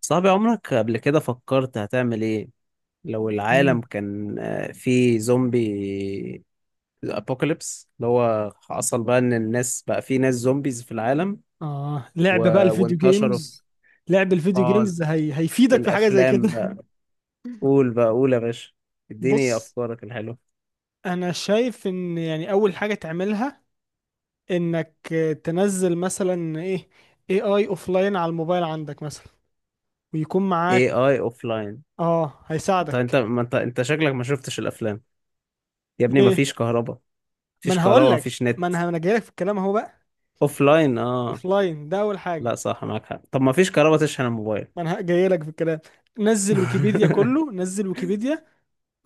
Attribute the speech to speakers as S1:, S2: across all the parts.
S1: صاحبي، عمرك قبل كده فكرت هتعمل ايه لو العالم
S2: مم.
S1: كان فيه زومبي ابوكاليبس اللي هو حصل بقى ان الناس، بقى فيه ناس زومبيز في العالم؟
S2: اه
S1: و...
S2: لعب بقى الفيديو
S1: وانتشروا في
S2: جيمز لعب الفيديو
S1: اه
S2: جيمز هيفيدك في حاجة زي
S1: والافلام
S2: كده
S1: بقى. قول بقى، قول يا باشا. اديني
S2: بص،
S1: افكارك الحلوه.
S2: انا شايف ان يعني اول حاجة تعملها انك تنزل مثلا ايه اي اوفلاين على الموبايل عندك مثلا ويكون معاك.
S1: AI اوف لاين.
S2: اه
S1: انت
S2: هيساعدك.
S1: ما انت شكلك ما شفتش الافلام. يا ابني، ما
S2: ليه؟
S1: فيش كهرباء،
S2: ما انا هقول
S1: ما
S2: لك،
S1: فيش
S2: ما
S1: نت.
S2: انا جاي لك في الكلام اهو بقى.
S1: اوف لاين، اه.
S2: اوفلاين ده اول
S1: لا،
S2: حاجة.
S1: صح، معاك حق. طب ما فيش كهرباء تشحن الموبايل.
S2: ما انا جاي لك في الكلام، نزل ويكيبيديا كله، نزل ويكيبيديا.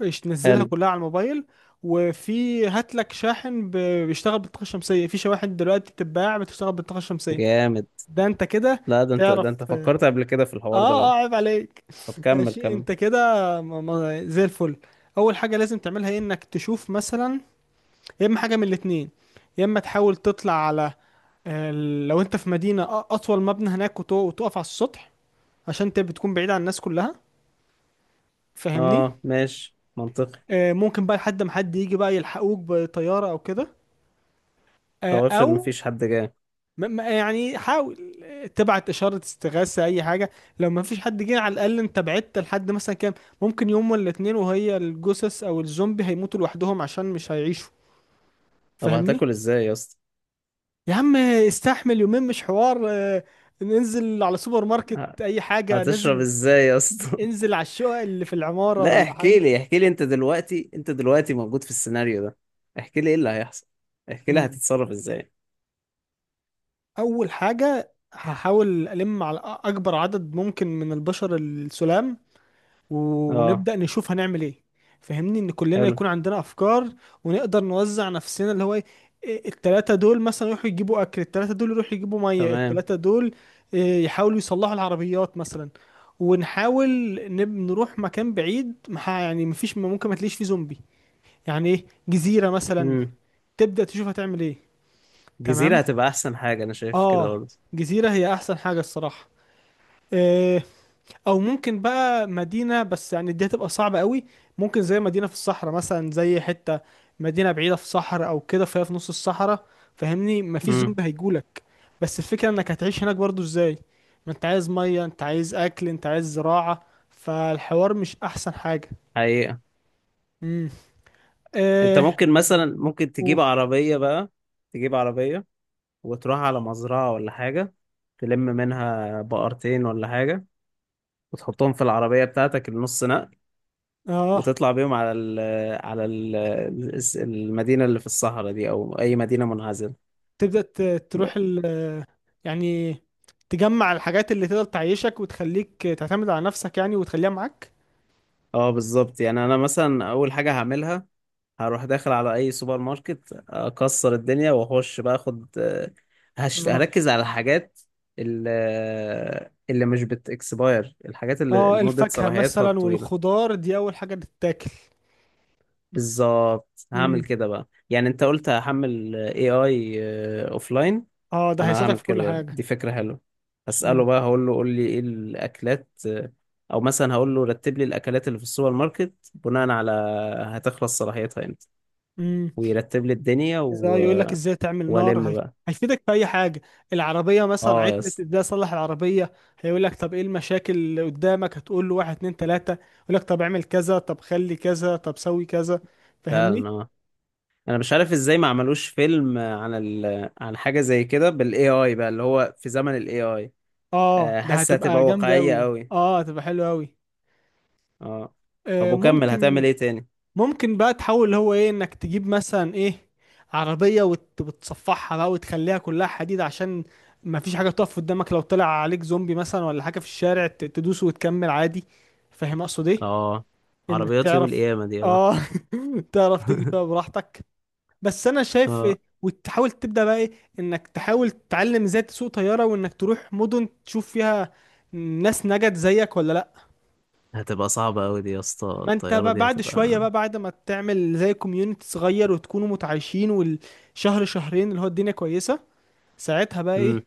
S2: إيش تنزلها
S1: حلو.
S2: كلها على الموبايل. وفي، هات لك شاحن بيشتغل بالطاقة الشمسية. في شواحن دلوقتي بتتباع بتشتغل بالطاقة الشمسية.
S1: جامد.
S2: ده انت كده
S1: لا، ده انت،
S2: تعرف،
S1: ده انت
S2: اه.
S1: فكرت قبل كده في الحوار ده بقى.
S2: اه، عيب عليك
S1: طب كمل،
S2: ماشي
S1: كمل.
S2: انت كده زي الفل. اول حاجة لازم تعملها ايه، انك تشوف مثلا، يا اما حاجة من الاتنين. يا اما تحاول تطلع على آه، لو انت في مدينة اطول مبنى هناك، وتقف على السطح، عشان انت بتكون بعيد عن الناس كلها. فاهمني؟
S1: اه، ماشي، منطقي.
S2: ممكن بقى لحد ما حد يجي بقى يلحقوك بطيارة او كده.
S1: طب افرض
S2: او
S1: مفيش حد جاي.
S2: يعني حاول تبعت اشاره استغاثه، اي حاجه. لو ما فيش حد جه، على الاقل انت بعدت لحد مثلا كام، ممكن يوم ولا اتنين، وهي الجثث او الزومبي هيموتوا لوحدهم عشان مش هيعيشوا.
S1: طب
S2: فاهمني؟
S1: هتاكل ازاي يا اسطى؟
S2: يا عم استحمل يومين، مش حوار. ننزل على سوبر ماركت،
S1: ه-
S2: اي حاجه،
S1: هتشرب
S2: نزل
S1: ازاي يا اسطى؟
S2: انزل على الشقق اللي في العماره
S1: لا،
S2: ولا
S1: احكي
S2: حاجه.
S1: لي، انت دلوقتي، موجود في السيناريو ده. احكي لي ايه اللي هيحصل، احكي لي
S2: مم.
S1: هتتصرف ازاي.
S2: اول حاجه هحاول الم على اكبر عدد ممكن من البشر السلام،
S1: اه،
S2: ونبدأ نشوف هنعمل ايه. فهمني، ان كلنا
S1: حلو.
S2: يكون عندنا افكار، ونقدر نوزع نفسنا اللي هو ايه. التلاتة دول مثلا يروحوا يجيبوا اكل، التلاتة دول يروحوا يجيبوا مية،
S1: تمام.
S2: التلاتة دول يحاولوا يصلحوا العربيات مثلا. ونحاول نروح مكان بعيد يعني مفيش، ممكن ما تلاقيش فيه زومبي. يعني ايه، جزيرة مثلا.
S1: امم.
S2: تبدأ تشوف هتعمل ايه.
S1: جزيرة
S2: تمام.
S1: هتبقى احسن حاجة، انا شايف كده
S2: اه
S1: برضه.
S2: جزيرة هي احسن حاجة الصراحة. آه، او ممكن بقى مدينه، بس يعني دي هتبقى صعبه قوي. ممكن زي مدينه في الصحراء مثلا، زي حته مدينه بعيده في صحراء او كده، فهي في نص الصحراء. فاهمني؟ مفيش
S1: امم.
S2: زومبي هيجولك. بس الفكره انك هتعيش هناك برضو ازاي؟ ما انت عايز ميه، انت عايز اكل، انت عايز زراعه، فالحوار مش احسن حاجه.
S1: حقيقة.
S2: امم.
S1: انت
S2: اه.
S1: ممكن مثلا، ممكن
S2: و...
S1: تجيب عربية بقى. تجيب عربية وتروح على مزرعة ولا حاجة، تلم منها بقرتين ولا حاجة، وتحطهم في العربية بتاعتك النص نقل،
S2: اه
S1: وتطلع بيهم على المدينة اللي في الصحراء دي، أو أي مدينة منعزلة.
S2: تبدا ت- تروح
S1: يبقى-
S2: يعني تجمع الحاجات اللي تقدر تعيشك وتخليك تعتمد على نفسك يعني، وتخليها معاك.
S1: اه، بالظبط. يعني أنا مثلا أول حاجة هعملها، هروح داخل على أي سوبر ماركت، أكسر الدنيا وأخش بقى، هركز على الحاجات، ال- اللي مش بت expire، الحاجات اللي
S2: اه
S1: مدة
S2: الفاكهة
S1: صلاحيتها
S2: مثلا
S1: الطويلة.
S2: والخضار دي أول حاجة تتاكل.
S1: بالظبط،
S2: امم.
S1: هعمل كده بقى. يعني انت قلت هحمل AI اوفلاين.
S2: اه ده
S1: انا
S2: هيساعدك
S1: هعمل
S2: في كل
S1: كده،
S2: حاجة.
S1: دي فكرة حلوة. هسأله
S2: اه.
S1: بقى، هقول له قول لي ايه الاكلات، او مثلا هقول له رتب لي الاكلات اللي في السوبر ماركت بناء على هتخلص صلاحيتها امتى،
S2: امم.
S1: ويرتب لي الدنيا
S2: إذا
S1: و...
S2: يقول لك
S1: آه،
S2: ازاي تعمل نار،
S1: والم بقى.
S2: هيفيدك في أي حاجة. العربية مثلا
S1: اه يا
S2: عطلت،
S1: اسطى.
S2: ازاي أصلح العربية؟ هيقول لك طب إيه المشاكل اللي قدامك، هتقول له واحد اتنين تلاتة، يقول لك طب اعمل كذا طب خلي كذا طب سوي كذا. فاهمني؟
S1: فعلا، اه. انا مش عارف ازاي ما عملوش فيلم عن عن حاجة زي كده بالاي اي بقى، اللي هو في زمن الاي اي.
S2: اه ده
S1: حاسة
S2: هتبقى
S1: هتبقى
S2: جامدة
S1: واقعية
S2: أوي،
S1: قوي،
S2: اه هتبقى حلوة أوي.
S1: اه. طب،
S2: آه
S1: وكمل
S2: ممكن.
S1: هتعمل ايه تاني؟
S2: ممكن بقى تحاول اللي هو ايه، انك تجيب مثلا ايه، عربية وتصفحها بقى وتخليها كلها حديد، عشان ما فيش حاجة تقف قدامك. لو طلع عليك زومبي مثلا ولا حاجة في الشارع، تدوس وتكمل عادي. فاهم اقصد ايه؟
S1: اه،
S2: انك
S1: عربيات يوم
S2: تعرف،
S1: القيامة دي، اه.
S2: اه تعرف تجري فيها براحتك. بس انا شايف
S1: اه،
S2: وتحاول تبدأ بقى ايه، انك تحاول تتعلم ازاي تسوق طيارة، وانك تروح مدن تشوف فيها ناس نجت زيك ولا لا.
S1: هتبقى صعبة أوي دي يا اسطى.
S2: ما انت
S1: الطيارة
S2: بقى
S1: دي
S2: بعد شوية
S1: هتبقى.
S2: بقى، بعد ما تعمل زي كوميونيتي صغير وتكونوا متعايشين، والشهر شهرين اللي هو الدنيا كويسة، ساعتها بقى
S1: مم.
S2: ايه،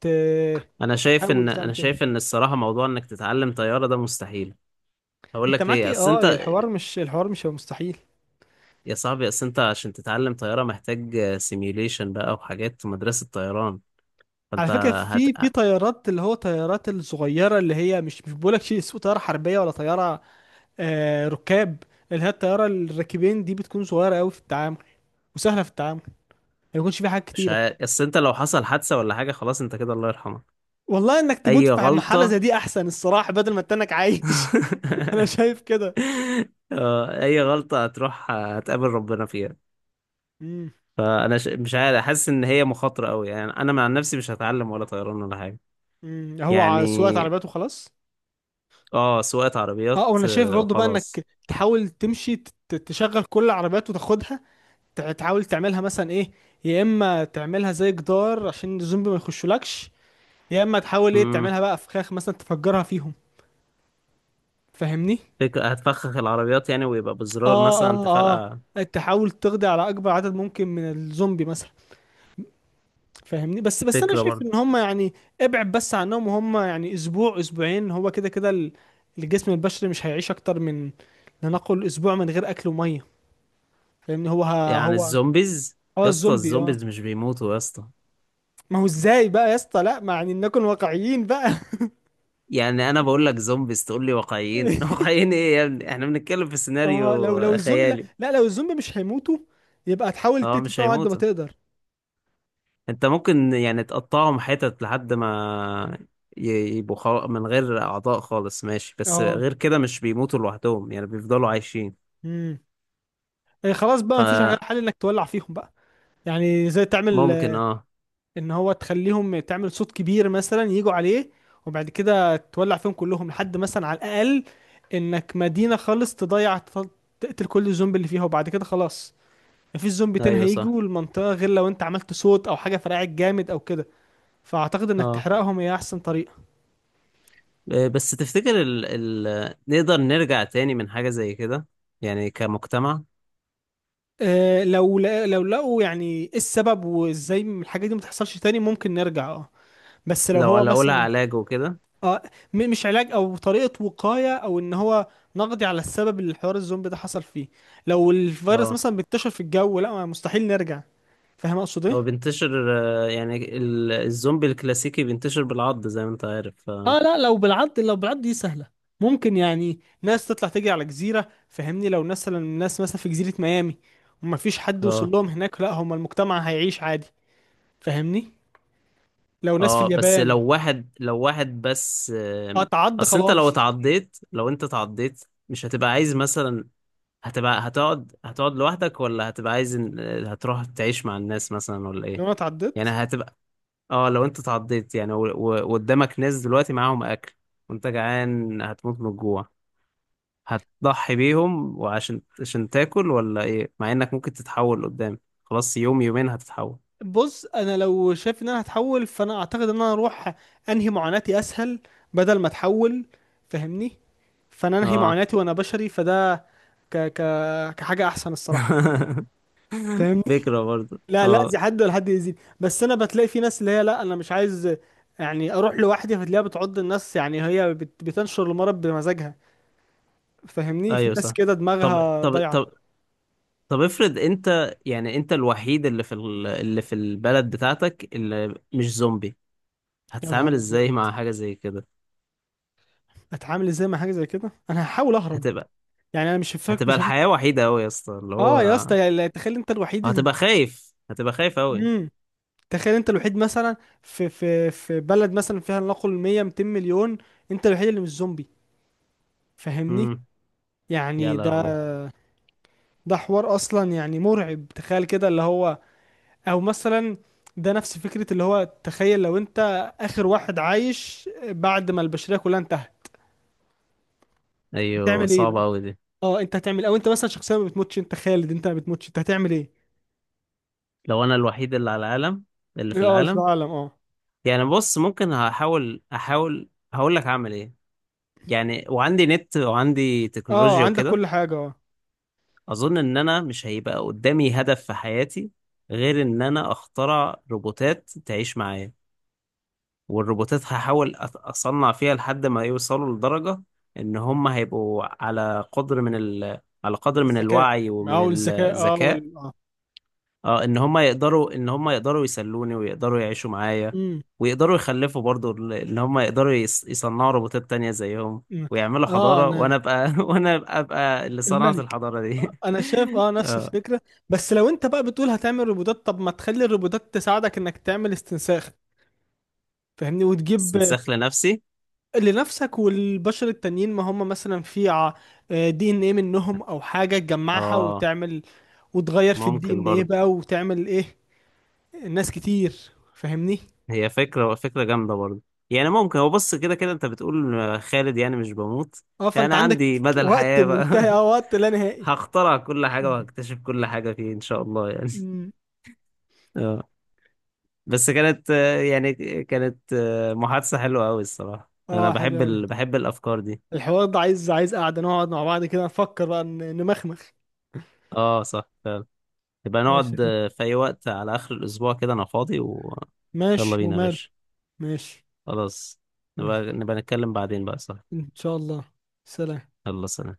S2: ت-
S1: أنا شايف إن
S2: تحاول تعمل
S1: أنا
S2: كده.
S1: شايف إن الصراحة موضوع إنك تتعلم طيارة ده مستحيل. هقول
S2: انت
S1: لك
S2: معاك
S1: ليه.
S2: ايه،
S1: أصل
S2: اه
S1: أنت
S2: الحوار مش، الحوار مش هيبقى مستحيل.
S1: يا صاحبي، أصل أنت عشان تتعلم طيارة محتاج سيميوليشن بقى وحاجات مدرسة طيران.
S2: على
S1: فأنت
S2: فكرة
S1: هت
S2: في، طيارات اللي هو طيارات الصغيرة، اللي هي مش بقولك شيء اسمه طيارة حربية ولا طيارة، آه ركاب. اللي هي الطيارة الراكبين دي بتكون صغيرة قوي في التعامل، وسهلة في التعامل، ما يكونش فيها حاجات
S1: مش
S2: كتيرة.
S1: ه... أصل أنت لو حصل حادثة ولا حاجة، خلاص أنت كده الله يرحمك.
S2: والله انك تموت
S1: أي
S2: في محلة
S1: غلطة.
S2: زي دي احسن الصراحة، بدل ما تنك عايش انا شايف كده.
S1: اي غلطة هتروح هتقابل ربنا فيها.
S2: امم.
S1: مش عارف، حاسس ان هي مخاطرة قوي. يعني انا مع نفسي مش هتعلم ولا طيران ولا حاجة.
S2: أمم. هو سواقة
S1: يعني
S2: عربيات وخلاص.
S1: اه، سواقة عربيات
S2: اه وانا شايف برضو بقى
S1: وخلاص.
S2: انك تحاول تمشي تشغل كل العربيات وتاخدها، تحاول تعملها مثلا ايه، يا اما تعملها زي جدار عشان الزومبي ما يخشولكش، يا اما تحاول ايه
S1: امم.
S2: تعملها بقى فخاخ مثلا تفجرها فيهم. فاهمني؟
S1: فكرة. هتفخخ العربيات يعني، ويبقى بزرار
S2: اه.
S1: مثلا
S2: اه
S1: تفرقع.
S2: اه تحاول تقضي على اكبر عدد ممكن من الزومبي مثلا. فاهمني؟ بس انا
S1: فكرة
S2: شايف
S1: برضه.
S2: ان هم يعني ابعد بس عنهم، وهم يعني اسبوع اسبوعين هو كده كده. الجسم البشري مش هيعيش اكتر من، لنقل، اسبوع من غير اكل وميه. فاهمني؟ هو ه-
S1: يعني
S2: هو
S1: الزومبيز،
S2: اه
S1: يا اسطى
S2: الزومبي، اه.
S1: الزومبيز مش بيموتوا يا اسطى.
S2: ما هو ازاي بقى يا اسطى، لا ما يعني نكون واقعيين بقى
S1: يعني انا بقول لك زومبيز تقول لي واقعيين. واقعيين ايه يا ابني؟ احنا بنتكلم في
S2: اه لو،
S1: سيناريو
S2: الزومبي، لا
S1: خيالي.
S2: لا، لو الزومبي مش هيموتوا، يبقى تحاول
S1: اه،
S2: تقتل
S1: مش
S2: فيهم على قد ما
S1: هيموتوا.
S2: تقدر.
S1: انت ممكن يعني تقطعهم حتت لحد ما يبقوا من غير اعضاء خالص، ماشي، بس
S2: اه.
S1: غير كده مش بيموتوا لوحدهم، يعني بيفضلوا عايشين.
S2: امم. خلاص بقى، مفيش غير
S1: فممكن،
S2: حل انك تولع فيهم بقى. يعني زي تعمل
S1: اه،
S2: ان هو تخليهم، تعمل صوت كبير مثلا يجوا عليه، وبعد كده تولع فيهم كلهم. لحد مثلا على الاقل انك مدينة خالص تضيع، تقتل كل الزومبي اللي فيها، وبعد كده خلاص مفيش زومبي تاني
S1: ايوه صح،
S2: هيجوا المنطقة غير لو انت عملت صوت او حاجة فرقعت جامد او كده. فاعتقد انك
S1: اه.
S2: تحرقهم هي احسن طريقة.
S1: بس تفتكر نقدر نرجع تاني من حاجة زي كده، يعني كمجتمع؟
S2: أه لو، لا لو لقوا يعني ايه السبب، وازاي الحاجة دي متحصلش تاني، ممكن نرجع اه. بس لو
S1: لو
S2: هو
S1: لو لها
S2: مثلا،
S1: علاج وكده.
S2: اه، مش علاج، او طريقه وقايه، او ان هو نقضي على السبب اللي الحوار الزومبي ده حصل فيه. لو الفيروس
S1: اه،
S2: مثلا بينتشر في الجو، لا، مستحيل نرجع. فاهم اقصد
S1: هو
S2: ايه؟
S1: بينتشر يعني الزومبي الكلاسيكي بينتشر بالعض، زي ما انت عارف.
S2: اه لا لو بالعض، لو بالعض دي سهله. ممكن يعني ناس تطلع تجري على جزيره. فهمني؟ لو مثلا الناس مثلا في جزيره ميامي، وما فيش حد وصل
S1: اه.
S2: لهم هناك، لا هم المجتمع هيعيش عادي. فاهمني؟ لو ناس في
S1: اه، بس لو
S2: اليابان،
S1: واحد، لو واحد بس،
S2: اه تعض
S1: اصل انت
S2: خلاص
S1: لو اتعضيت، لو انت اتعضيت مش هتبقى عايز مثلا، هتبقى هتقعد هتقعد لوحدك، ولا هتبقى عايز هتروح تعيش مع الناس مثلا ولا
S2: لو
S1: ايه؟
S2: انا
S1: يعني
S2: اتعضت،
S1: هتبقى اه، لو انت اتعضيت يعني وقدامك ناس دلوقتي معاهم اكل، وانت جعان هتموت من الجوع، هتضحي بيهم وعشان تاكل ولا ايه مع انك ممكن تتحول قدام؟ خلاص يوم يومين هتتحول.
S2: بص انا لو شايف ان انا هتحول، فانا اعتقد ان انا اروح انهي معاناتي اسهل، بدل ما اتحول. فاهمني؟ فانا انهي
S1: اه.
S2: معاناتي وانا بشري، فده ك ك كحاجه احسن الصراحه. فاهمني؟
S1: فكرة برضه،
S2: لا لا، زي
S1: اه،
S2: حد ولا حد يزيد، بس انا بتلاقي في ناس اللي هي لا، انا مش عايز يعني اروح لوحدي، فتلاقيها بتعض الناس، يعني هي بتنشر المرض بمزاجها. فاهمني؟ في
S1: ايوه
S2: ناس
S1: صح.
S2: كده
S1: طب
S2: دماغها
S1: طب
S2: ضايعه.
S1: طب طب افرض انت، يعني انت الوحيد اللي في اللي في البلد بتاعتك اللي مش زومبي،
S2: يا
S1: هتتعامل
S2: نهار
S1: ازاي
S2: ابيض،
S1: مع حاجة زي كده؟
S2: اتعامل ازاي مع حاجه زي كده؟ انا هحاول اهرب.
S1: هتبقى،
S2: يعني انا مش هفك
S1: هتبقى
S2: مش
S1: الحياة وحيدة قوي يا اسطى اللي
S2: اه يا
S1: هو،
S2: اسطى، يعني تخيل انت الوحيد
S1: هتبقى خايف، قوي.
S2: مم. تخيل انت الوحيد مثلا في، في بلد مثلا فيها لنقل 100 200 مليون، انت الوحيد اللي مش زومبي. فاهمني؟
S1: امم. يا
S2: يعني ده،
S1: لهوي،
S2: حوار اصلا يعني مرعب تخيل كده اللي هو. او مثلا ده نفس فكرة اللي هو تخيل لو انت اخر واحد عايش بعد ما البشرية كلها انتهت،
S1: ايوه
S2: بتعمل ايه بقى؟
S1: صعبة قوي دي.
S2: اه انت هتعمل، او انت مثلا شخصيا ما بتموتش، انت خالد، انت ما بتموتش، انت هتعمل ايه؟
S1: لو انا الوحيد اللي على العالم، اللي في
S2: اه في
S1: العالم،
S2: العالم. اه.
S1: يعني بص، ممكن هحاول، احاول هقول لك هعمل ايه، يعني وعندي نت وعندي
S2: اه
S1: تكنولوجيا
S2: عندك
S1: وكده.
S2: كل حاجة، اه.
S1: اظن ان انا مش هيبقى قدامي هدف في حياتي غير ان انا اخترع روبوتات تعيش معايا. والروبوتات هحاول اصنع فيها لحد ما يوصلوا لدرجة ان هم هيبقوا على قدر من على قدر من
S2: الذكاء.
S1: الوعي ومن
S2: او الذكاء، اه
S1: الذكاء.
S2: وال اه
S1: اه، ان هم يقدروا، يسلوني ويقدروا يعيشوا معايا،
S2: امم.
S1: ويقدروا يخلفوا برضو، ان هم يقدروا يصنعوا روبوتات تانية زيهم،
S2: أمم.
S1: ويعملوا
S2: اه
S1: حضارة،
S2: انا
S1: وانا ابقى وانا أبقى اللي صنعت
S2: الملك.
S1: الحضارة دي.
S2: انا شايف اه نفس
S1: اه.
S2: الفكره. بس لو انت بقى بتقول هتعمل روبوتات، طب ما تخلي الروبوتات تساعدك انك تعمل استنساخ. فاهمني؟ وتجيب
S1: استنساخ لنفسي،
S2: لنفسك والبشر التانيين، ما هم مثلا في، دي ان ايه منهم او حاجه تجمعها
S1: اه،
S2: وتعمل، وتغير في الدي
S1: ممكن
S2: ان ايه
S1: برضه.
S2: بقى، وتعمل ايه، ناس كتير. فاهمني؟
S1: هي فكرة، فكرة جامدة برضه. يعني ممكن، هو بص، كده كده انت بتقول خالد يعني مش بموت،
S2: اه
S1: يعني
S2: فانت
S1: انا
S2: عندك
S1: عندي مدى
S2: وقت
S1: الحياة
S2: منتهي،
S1: بقى.
S2: اه وقت لا نهائي
S1: هخترع كل حاجة وهكتشف كل حاجة، فيه ان شاء الله يعني.
S2: أمم.
S1: اه، بس كانت محادثة حلوة قوي الصراحة، انا
S2: اه حلو
S1: بحب
S2: أوي.
S1: بحب الافكار دي.
S2: الحوار ده عايز، عايز قعدة نقعد مع بعض كده نفكر بقى، نمخمخ.
S1: اه صح، فعلا. يبقى
S2: ماشي يا
S1: نقعد
S2: أخوي.
S1: في اي وقت على اخر الاسبوع كده، انا فاضي يلا
S2: ماشي
S1: بينا يا
S2: ومال.
S1: باشا.
S2: ماشي.
S1: خلاص. نبقى
S2: ماشي.
S1: نبقى نتكلم بعدين بقى، صح؟
S2: إن شاء الله. سلام.
S1: يلا، سلام.